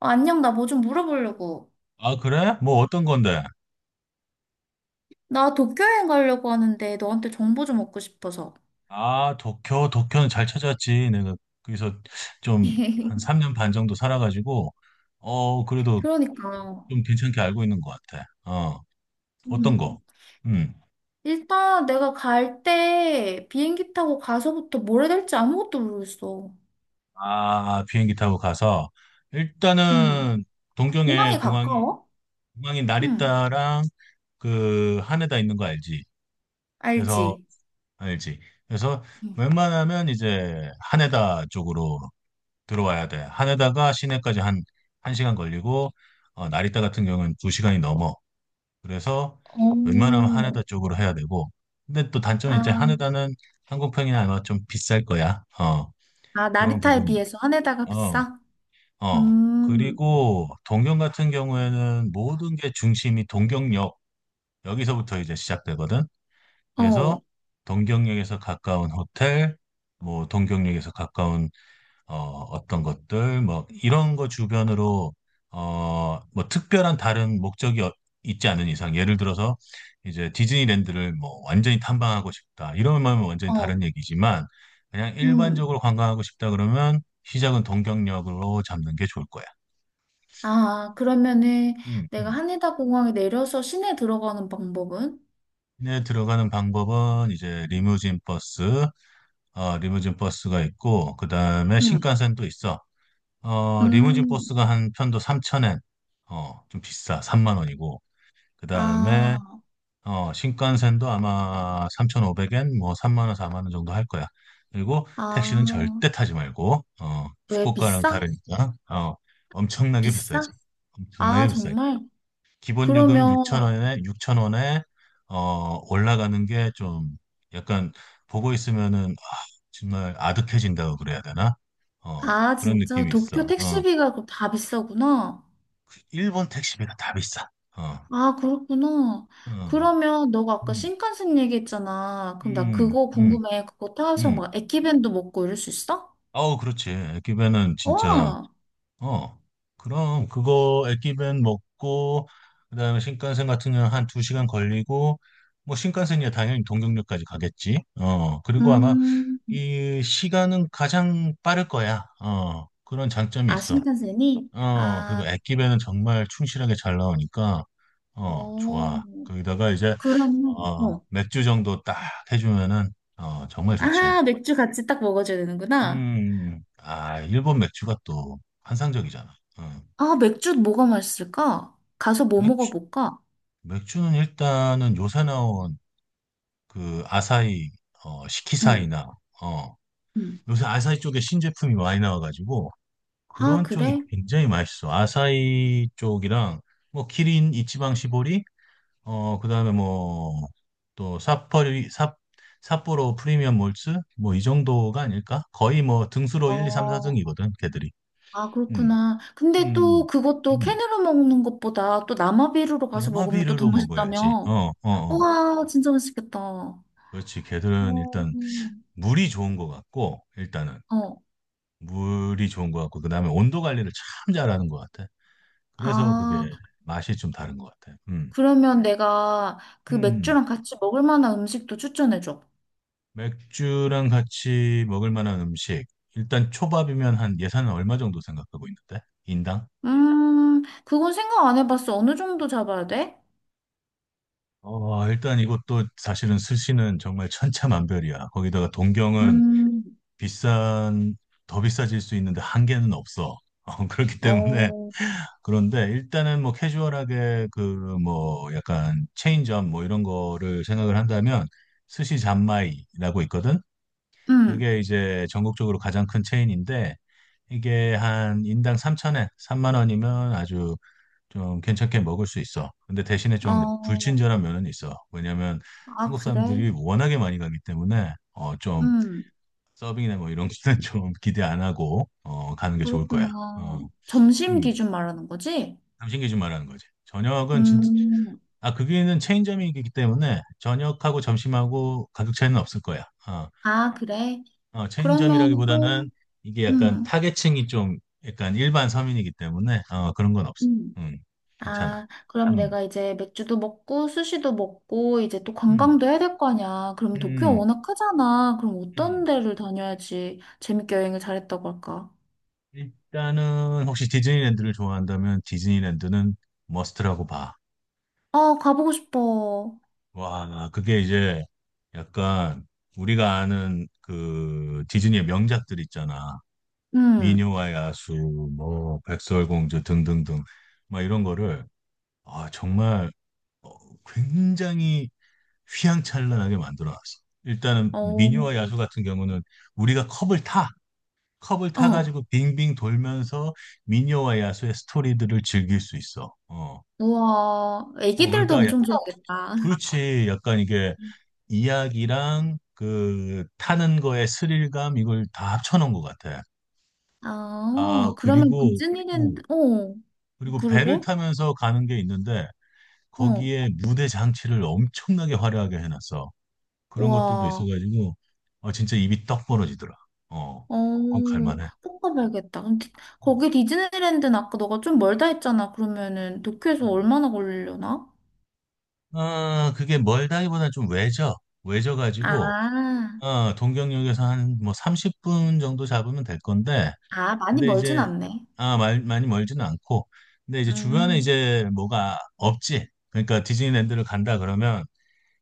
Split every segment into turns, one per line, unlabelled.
어, 안녕, 나 뭐 좀 물어보려고.
아, 그래? 뭐 어떤 건데?
나 도쿄여행 가려고 하는데 너한테 정보 좀 얻고 싶어서.
아, 도쿄, 도쿄는 잘 찾았지. 내가 거기서 좀 한 3년 반 정도 살아가지고, 그래도
그러니까.
좀 괜찮게 알고 있는 것 같아. 어, 어떤
음.
거? 음.
일단 내가 갈 때 비행기 타고 가서부터 뭘 해야 될지 아무것도 모르겠어.
아, 비행기 타고 가서,
음.
일단은 동경에
공항에
공항이,
가까워?
공항이
음.
나리타랑 그 하네다 있는 거 알지? 그래서,
알지?
알지? 그래서
음.
웬만하면 이제 하네다 쪽으로 들어와야 돼. 하네다가 시내까지 한, 한 시간 걸리고, 나리타 같은 경우는 두 시간이 넘어. 그래서 웬만하면
어.
하네다 쪽으로 해야 되고. 근데 또 단점은
아,
이제 하네다는 항공평이 아마 좀 비쌀 거야.
아,
그런
나리타에
부분이.
비해서 하네다가
어,
비싸?
어.
음.
그리고 동경 같은 경우에는 모든 게 중심이 동경역. 여기서부터 이제 시작되거든. 그래서
어.
동경역에서 가까운 호텔, 뭐 동경역에서 가까운 어, 어떤 것들, 뭐, 이런 거 주변으로, 어, 뭐, 특별한 다른 목적이 있지 않은 이상, 예를 들어서, 이제 디즈니랜드를 뭐, 완전히 탐방하고 싶다. 이런 마음은 완전히
어.
다른 얘기지만, 그냥
음.
일반적으로 관광하고 싶다 그러면, 시작은 동경역으로 잡는 게 좋을 거야.
아, 그러면은
음,
내가
음.
하네다 공항에 내려서 시내 들어가는 방법은?
시내에 들어가는 방법은 이제 리무진 버스, 리무진 버스가 있고, 그 다음에
응.
신칸센도 있어. 어, 리무진
음,
버스가 한 편도 3,000엔, 어, 좀 비싸, 3만 원이고, 그 다음에,
아,
신칸센도 아마 3,500엔, 뭐, 3만 원, 4만 원 정도 할 거야. 그리고 택시는
아,
절대 타지 말고,
왜
후쿠오카랑
비싸?
다르니까, 어, 엄청나게 비싸지.
비싸? 아,
엄청나게 비싸지.
정말?
기본 요금
그러면,
6,000원에, 올라가는 게 좀, 약간, 보고 있으면은, 아, 정말 아득해진다고 그래야 되나?
아,
그런
진짜
느낌이
도쿄
있어. 어.
택시비가 그럼 다 비싸구나.
일본 택시비가 다 비싸. 어,
아, 그렇구나.
어, 어.
그러면 너가 아까
음,
신칸센 얘기했잖아. 그럼 나
음,
그거
음,
궁금해. 그거 타서
음.
막 에키벤도 먹고 이럴 수 있어?
아우, 그렇지. 에끼벤은 진짜,
어,
어, 그럼 그거 에끼벤 먹고, 그다음에 신칸센 같은 경우는 한 두 시간 걸리고, 뭐 신칸센이야 당연히 동경역까지 가겠지. 그리고 아마
음,
이 시간은 가장 빠를 거야. 그런 장점이
아,
있어.
신칸센이?
그리고
아,
에끼벤은 정말 충실하게 잘 나오니까. 어,
어.
좋아. 거기다가 이제,
그러면, 어.
맥주 정도 딱 해주면은, 정말 좋지.
아, 맥주 같이 딱 먹어줘야 되는구나.
아, 일본 맥주가 또 환상적이잖아. 어,
아, 맥주 뭐가 맛있을까? 가서 뭐
맥주,
먹어볼까?
맥주는 일단은 요새 나온 그 아사히,
응,
시키사이나, 어,
응.
요새 아사히 쪽에 신제품이 많이 나와가지고
아,
그런 쪽이
그래?
굉장히 맛있어. 아사히 쪽이랑 뭐 키린 이치방 시보리 어, 그다음에 뭐 또 삿포리 삿 삿포로 프리미엄 몰츠 뭐 이 정도가 아닐까? 거의 뭐 등수로 1, 2, 3,
어,
4등이거든, 걔들이.
아,
음.
그렇구나. 근데 또
음.
그것도
음.
캔으로 먹는 것보다 또 남아비루로 가서 먹으면 또 더
야마비르로 먹어야지. 어,
맛있다며.
어, 어.
와, 진짜 맛있겠다. 어,
그렇지. 걔들은 일단
음.
물이 좋은 것 같고 일단은
어.
물이 좋은 것 같고 그다음에 온도 관리를 참 잘하는 것 같아. 그래서 그게
아,
맛이 좀 다른 것 같아. 음.
그러면 내가 그
음.
맥주랑 같이 먹을 만한 음식도 추천해줘.
맥주랑 같이 먹을 만한 음식. 일단 초밥이면 한 예산은 얼마 정도 생각하고 있는데? 인당?
그건 생각 안 해봤어. 어느 정도 잡아야 돼?
어, 일단 이것도 사실은 스시는 정말 천차만별이야. 거기다가 동경은
음,
비싼, 더 비싸질 수 있는데 한계는 없어. 그렇기 때문에.
어,
그런데 일단은 뭐 캐주얼하게 그 뭐 약간 체인점 뭐 이런 거를 생각을 한다면 스시 잔마이라고 있거든?
음,
그게 이제 전국적으로 가장 큰 체인인데 이게 한 인당 3천엔, 3만 원이면 아주 좀 괜찮게 먹을 수 있어. 근데 대신에 좀
어,
불친절한 면은 있어. 왜냐면
아,
한국
그래?
사람들이 워낙에 많이 가기 때문에 좀
음,
서빙이나 뭐 이런 거는 좀 기대 안 하고 가는 게 좋을 거야. 어,
그렇구나. 점심
음,
기준 말하는 거지?
삼신기 좀 말하는 거지. 저녁은 진짜
음,
아, 거기는 체인점이기 때문에 저녁하고 점심하고 가격 차이는 없을 거야. 어.
아, 그래?
어,
그러면 또,
체인점이라기보다는 이게 약간
음,
타겟층이 좀 약간 일반 서민이기 때문에 그런 건 없어.
음.
음, 괜찮아.
아, 그럼
음,
내가 이제 맥주도 먹고, 스시도 먹고, 이제 또
음,
관광도 해야 될 거 아니야. 그럼 도쿄
음,
워낙 크잖아. 그럼 어떤
음.
데를 다녀야지 재밌게 여행을 잘했다고 할까?
일단은 혹시 디즈니랜드를 좋아한다면 디즈니랜드는 머스트라고 봐.
아, 가보고 싶어.
와, 그게 이제 약간 우리가 아는 그 디즈니의 명작들 있잖아.
음,
미녀와 야수, 뭐 백설공주 등등등 막 이런 거를 아 정말 어, 굉장히 휘황찬란하게 만들어 놨어. 일단은
어,
민요와 야수 같은 경우는 우리가 컵을 타, 컵을
어.
타가지고 빙빙 돌면서 민요와 야수의 스토리들을 즐길 수 있어. 어,
우와,
어
애기들도
그러니까 야-
엄청 좋아하겠다.
그렇지. 약간 이게 이야기랑 그 타는 거의 스릴감 이걸 다 합쳐놓은 것 같아.
아,
아,
어, 그러면
그리고 어,
디즈니랜드, 어,
그리고 배를
그리고,
타면서 가는 게 있는데
어,
거기에 무대 장치를 엄청나게 화려하게 해놨어. 그런 것들도
와,
있어가지고 아 진짜 입이 떡 벌어지더라. 어,
어,
꼭 갈만해.
꼭 가봐야겠다. 거기 디즈니랜드는 아까 너가 좀 멀다 했잖아. 그러면은 도쿄에서
음.
얼마나 걸리려나?
아, 그게 멀다기보다 좀 외져. 외져가지고
아,
어, 동경역에서 한 뭐 30분 정도 잡으면 될 건데
아, 많이
근데
멀진
이제
않네.
아, 많이 멀지는 않고 근데 이제 주변에
음,
이제 뭐가 없지. 그러니까 디즈니랜드를 간다 그러면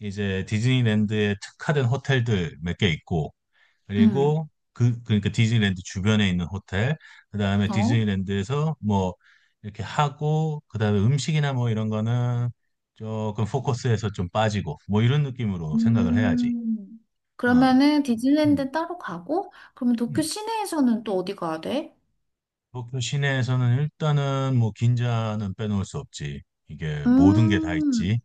이제 디즈니랜드에 특화된 호텔들 몇 개 있고
음,
그리고 그 그러니까 디즈니랜드 주변에 있는 호텔, 그다음에
어,
디즈니랜드에서 뭐 이렇게 하고 그다음에 음식이나 뭐 이런 거는 조금 포커스에서 좀 빠지고 뭐 이런 느낌으로 생각을 해야지.
음.
어.
그러면은
음,
디즈니랜드 따로 가고, 그러면 도쿄
음.
시내에서는 또 어디 가야 돼?
도쿄 시내에서는 일단은 뭐 긴자는 빼놓을 수 없지. 이게 모든 게 다 있지.
음.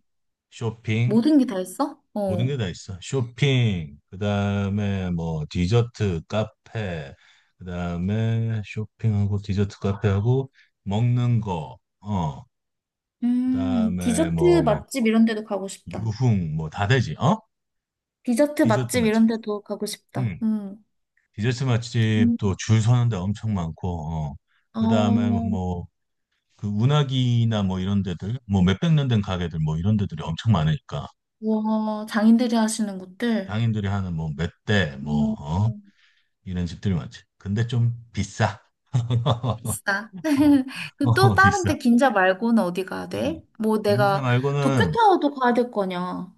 쇼핑,
모든 게 다 있어?
모든 게
어.
다 있어. 쇼핑, 그다음에 뭐 디저트 카페, 그다음에 쇼핑하고 디저트 카페하고 먹는 거, 어, 그다음에
디저트
뭐
맛집 이런 데도 가고 싶다.
유흥 뭐 다 되지. 어?
디저트
디저트
맛집
맛집.
이런 데도 가고 싶다.
응.
음.
디저트
음.
맛집도 줄 서는 데 엄청 많고, 어. 그다음에
어,
뭐 그 운하기나 뭐 이런 데들, 뭐 몇백 년 된 가게들 뭐 이런 데들이 엄청 많으니까
우와, 장인들이 하시는 곳들.
장인들이 하는 뭐 멧돼 뭐
음,
어?
음.
이런 집들이 많지. 근데 좀 비싸.
비싸. 그또
어,
다른
비싸.
데 긴자 말고는 어디 가야
어.
돼? 뭐
빈자
내가
말고는
도쿄타워도 가야 될 거냐?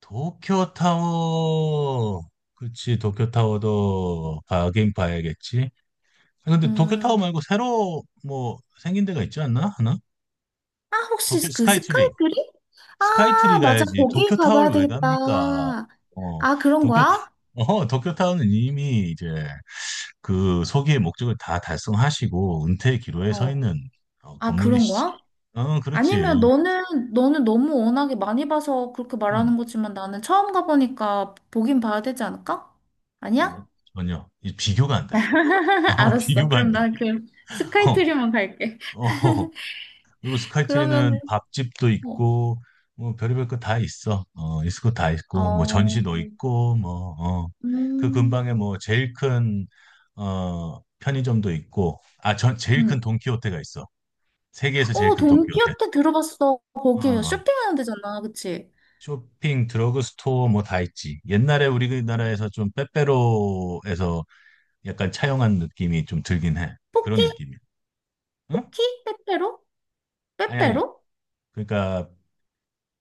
도쿄타워. 그치, 도쿄타워도 가긴 봐야겠지. 아, 근데 도쿄타워
음,
말고 새로 뭐 생긴 데가 있지 않나? 하나?
아
도쿄
혹시 그
스카이트리.
스카이트리?
스카이트리
아 맞아
가야지.
거기 가봐야
도쿄타워를 왜 갑니까?
되겠다.
어,
아 그런
도쿄타,
거야?
어, 도쿄타워는 이미 이제 그 소기의 목적을 다 달성하시고 은퇴의 기로에 서
어.
있는
아, 그런
건물이시지.
거야?
어,
아니면
그렇지.
너는, 너는 너무 워낙에 많이 봐서 그렇게
음.
말하는 거지만 나는 처음 가보니까 보긴 봐야 되지 않을까? 아니야?
전혀 이 비교가 안 돼. 어,
알았어.
비교가 안
그럼
돼.
난 그 스카이트리만 갈게.
어, 어. 그리고 스카이트리는
그러면은,
밥집도
어,
있고 뭐 별의별 거 다 있어. 어, 있을 거 다 있고 뭐
어,
전시도 있고 뭐 어. 그
음,
근방에 뭐 제일 큰 편의점도 있고 아, 전 제일
음.
큰 돈키호테가 있어. 세계에서 제일
어,
큰 돈키호테.
돈키호테 들어봤어.
어,
거기
어.
쇼핑하는 데잖아. 그치?
쇼핑, 드러그스토어 뭐 다 있지. 옛날에 우리나라에서 좀 빼빼로에서 약간 차용한 느낌이 좀 들긴 해.
포키?
그런 느낌이야. 응?
포키? 빼빼로?
아니, 아니.
빼빼로?
그러니까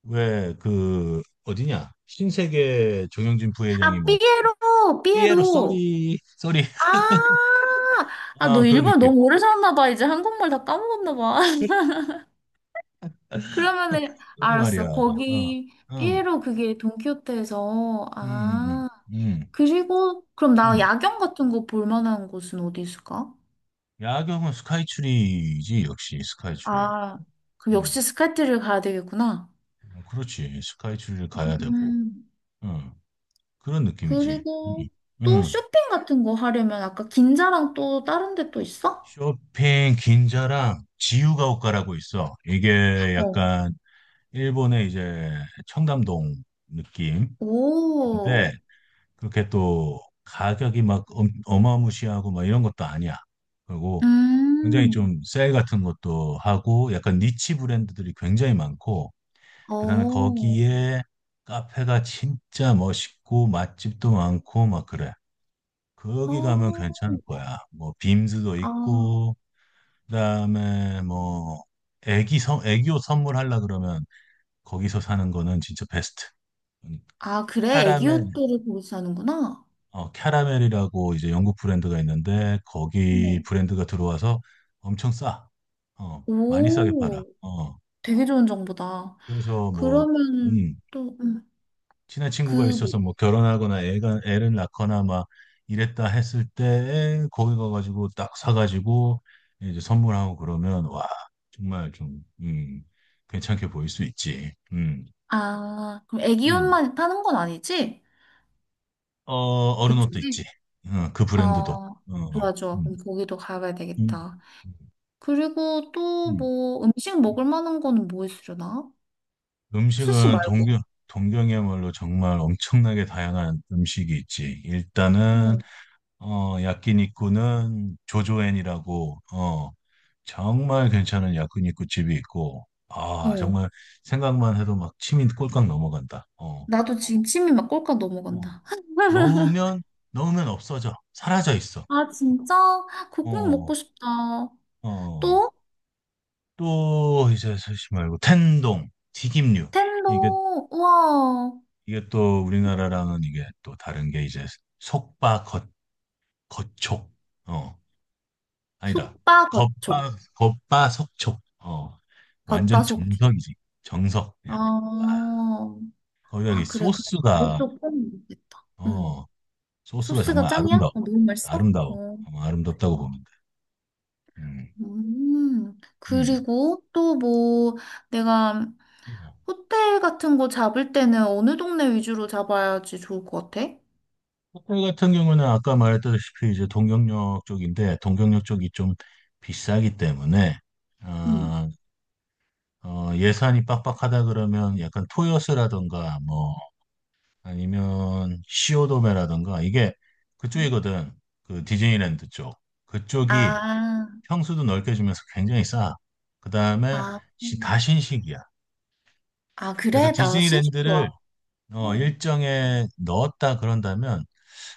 왜 그 어디냐? 신세계 정영진 부회장이
아,
뭐
삐에로!
삐에로
삐에로!
쏘리 쏘리
아, 아, 너
아 그런
일본
느낌.
너무 오래 살았나 봐. 이제 한국말 다 까먹었나 봐. 그러면은
그러게 말이야.
알았어.
어,
거기
음,
피에로 그게 돈키호테에서
음, 음,
아
음, 음.
그리고 그럼 나
음.
야경 같은 거 볼 만한 곳은 어디 있을까?
야경은 스카이트리지 역시 스카이트리.
아 그럼
응,
역시 스카이트를 가야 되겠구나.
그렇지. 스카이트리를 가야 되고.
음
응. 그런 느낌이지.
그리고 또
응.
쇼핑 같은 거 하려면 아까 긴자랑 또 다른 데 또 있어?
쇼핑 긴자랑 지유가오카라고 있어. 이게
어.
약간 일본의 이제 청담동 느낌인데
오.
그렇게 또 가격이 막 어마무시하고 막 이런 것도 아니야. 그리고 굉장히
음.
좀 세일 같은 것도 하고 약간 니치 브랜드들이 굉장히 많고 그다음에
어.
거기에 카페가 진짜 멋있고 맛집도 많고 막 그래. 거기 가면
어.
괜찮을 거야. 뭐 빔스도
아.
있고 그다음에 뭐 애기 선 애교 선물하려 그러면 거기서 사는 거는 진짜 베스트. 음,
아 그래 애기
캐러멜
옷들을 거기서 사는구나.
어 캐러멜이라고 이제 영국 브랜드가 있는데 거기
어.
브랜드가 들어와서 엄청 싸. 어 많이 싸게 팔아.
오.
어
되게 좋은 정보다.
그래서 뭐
그러면
음
또,
친한 친구가
그, 뭐-
있어서 뭐 결혼하거나 애가 애를 낳거나 막 이랬다 했을 때 거기 가가지고 딱 사가지고 이제 선물하고 그러면 와 정말 좀 괜찮게 보일 수 있지.
아, 그럼
음.
애기옷만 파는 건 아니지?
어 어른 옷도 있지.
그쪽이?
어, 그 브랜드도.
아
어,
좋아, 좋아.
음,
그럼 거기도 가봐야
음,
되겠다.
음.
그리고 또
음,
뭐 음식
음.
먹을 만한 거는 뭐 있으려나? 스시
음식은 동경
말고.
동경이야말로 정말 엄청나게 다양한 음식이 있지. 일단은
어,
어 야끼니쿠는 조조엔이라고 정말 괜찮은 야쿠니쿠 집이 있고, 아,
어.
정말 생각만 해도 막 침이 꼴깍 넘어간다. 어,
나도 지금 침이 막 꼴깍
어.
넘어간다.
넣으면, 넣으면 없어져. 사라져 있어.
아, 진짜? 그거 꼭 먹고
어,
싶다.
어.
또?
또, 이제, 사실 말고, 텐동, 튀김류. 이게,
텐도, 우와.
이게 또 우리나라랑은 이게 또 다른 게 이제, 속바, 겉, 겉촉. 어, 아니다.
속바 겉촉.
겉바, 속촉. 어,
겉바
완전
속촉.
정석이지. 정석, 그냥.
아,
거기다 이
아, 그래, 그래.
소스가
그것도 포함이 되겠다. 응.
어, 소스가
소스가
정말
짱이야?
아름다워.
어, 너무 맛있어?
아름다워.
어.
어, 아름답다고 보면 돼. 음,
음.
음.
그리고 또 뭐, 내가
어.
호텔 같은 거 잡을 때는 어느 동네 위주로 잡아야지 좋을 것 같아?
호텔 같은 경우는 아까 말했다시피 이제 동경역 쪽인데, 동경역 쪽이 좀 비싸기 때문에,
응.
아, 예산이 빡빡하다 그러면 약간 토요스라던가, 뭐, 아니면 시오도메라던가, 이게 그쪽이거든. 그 디즈니랜드 쪽. 그쪽이
아,
평수도 넓게 주면서 굉장히 싸. 그 다음에
아,
다 신식이야.
아,
그래서
그래? 나 신식
디즈니랜드를
좋아. 어.
일정에 넣었다 그런다면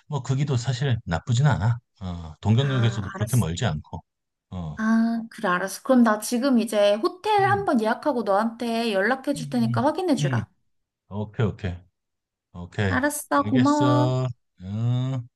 뭐 거기도 사실 나쁘진 않아. 어,
아,
동경역에서도 그렇게
알았어.
멀지 않고. 어.
아, 그래, 알았어. 그럼 나 지금 이제 호텔
음.
한번 예약하고 너한테 연락해 줄 테니까
음.
확인해
음. 음.
주라.
오케이, 오케이. 오케이.
알았어, 고마워.
알겠어. 음.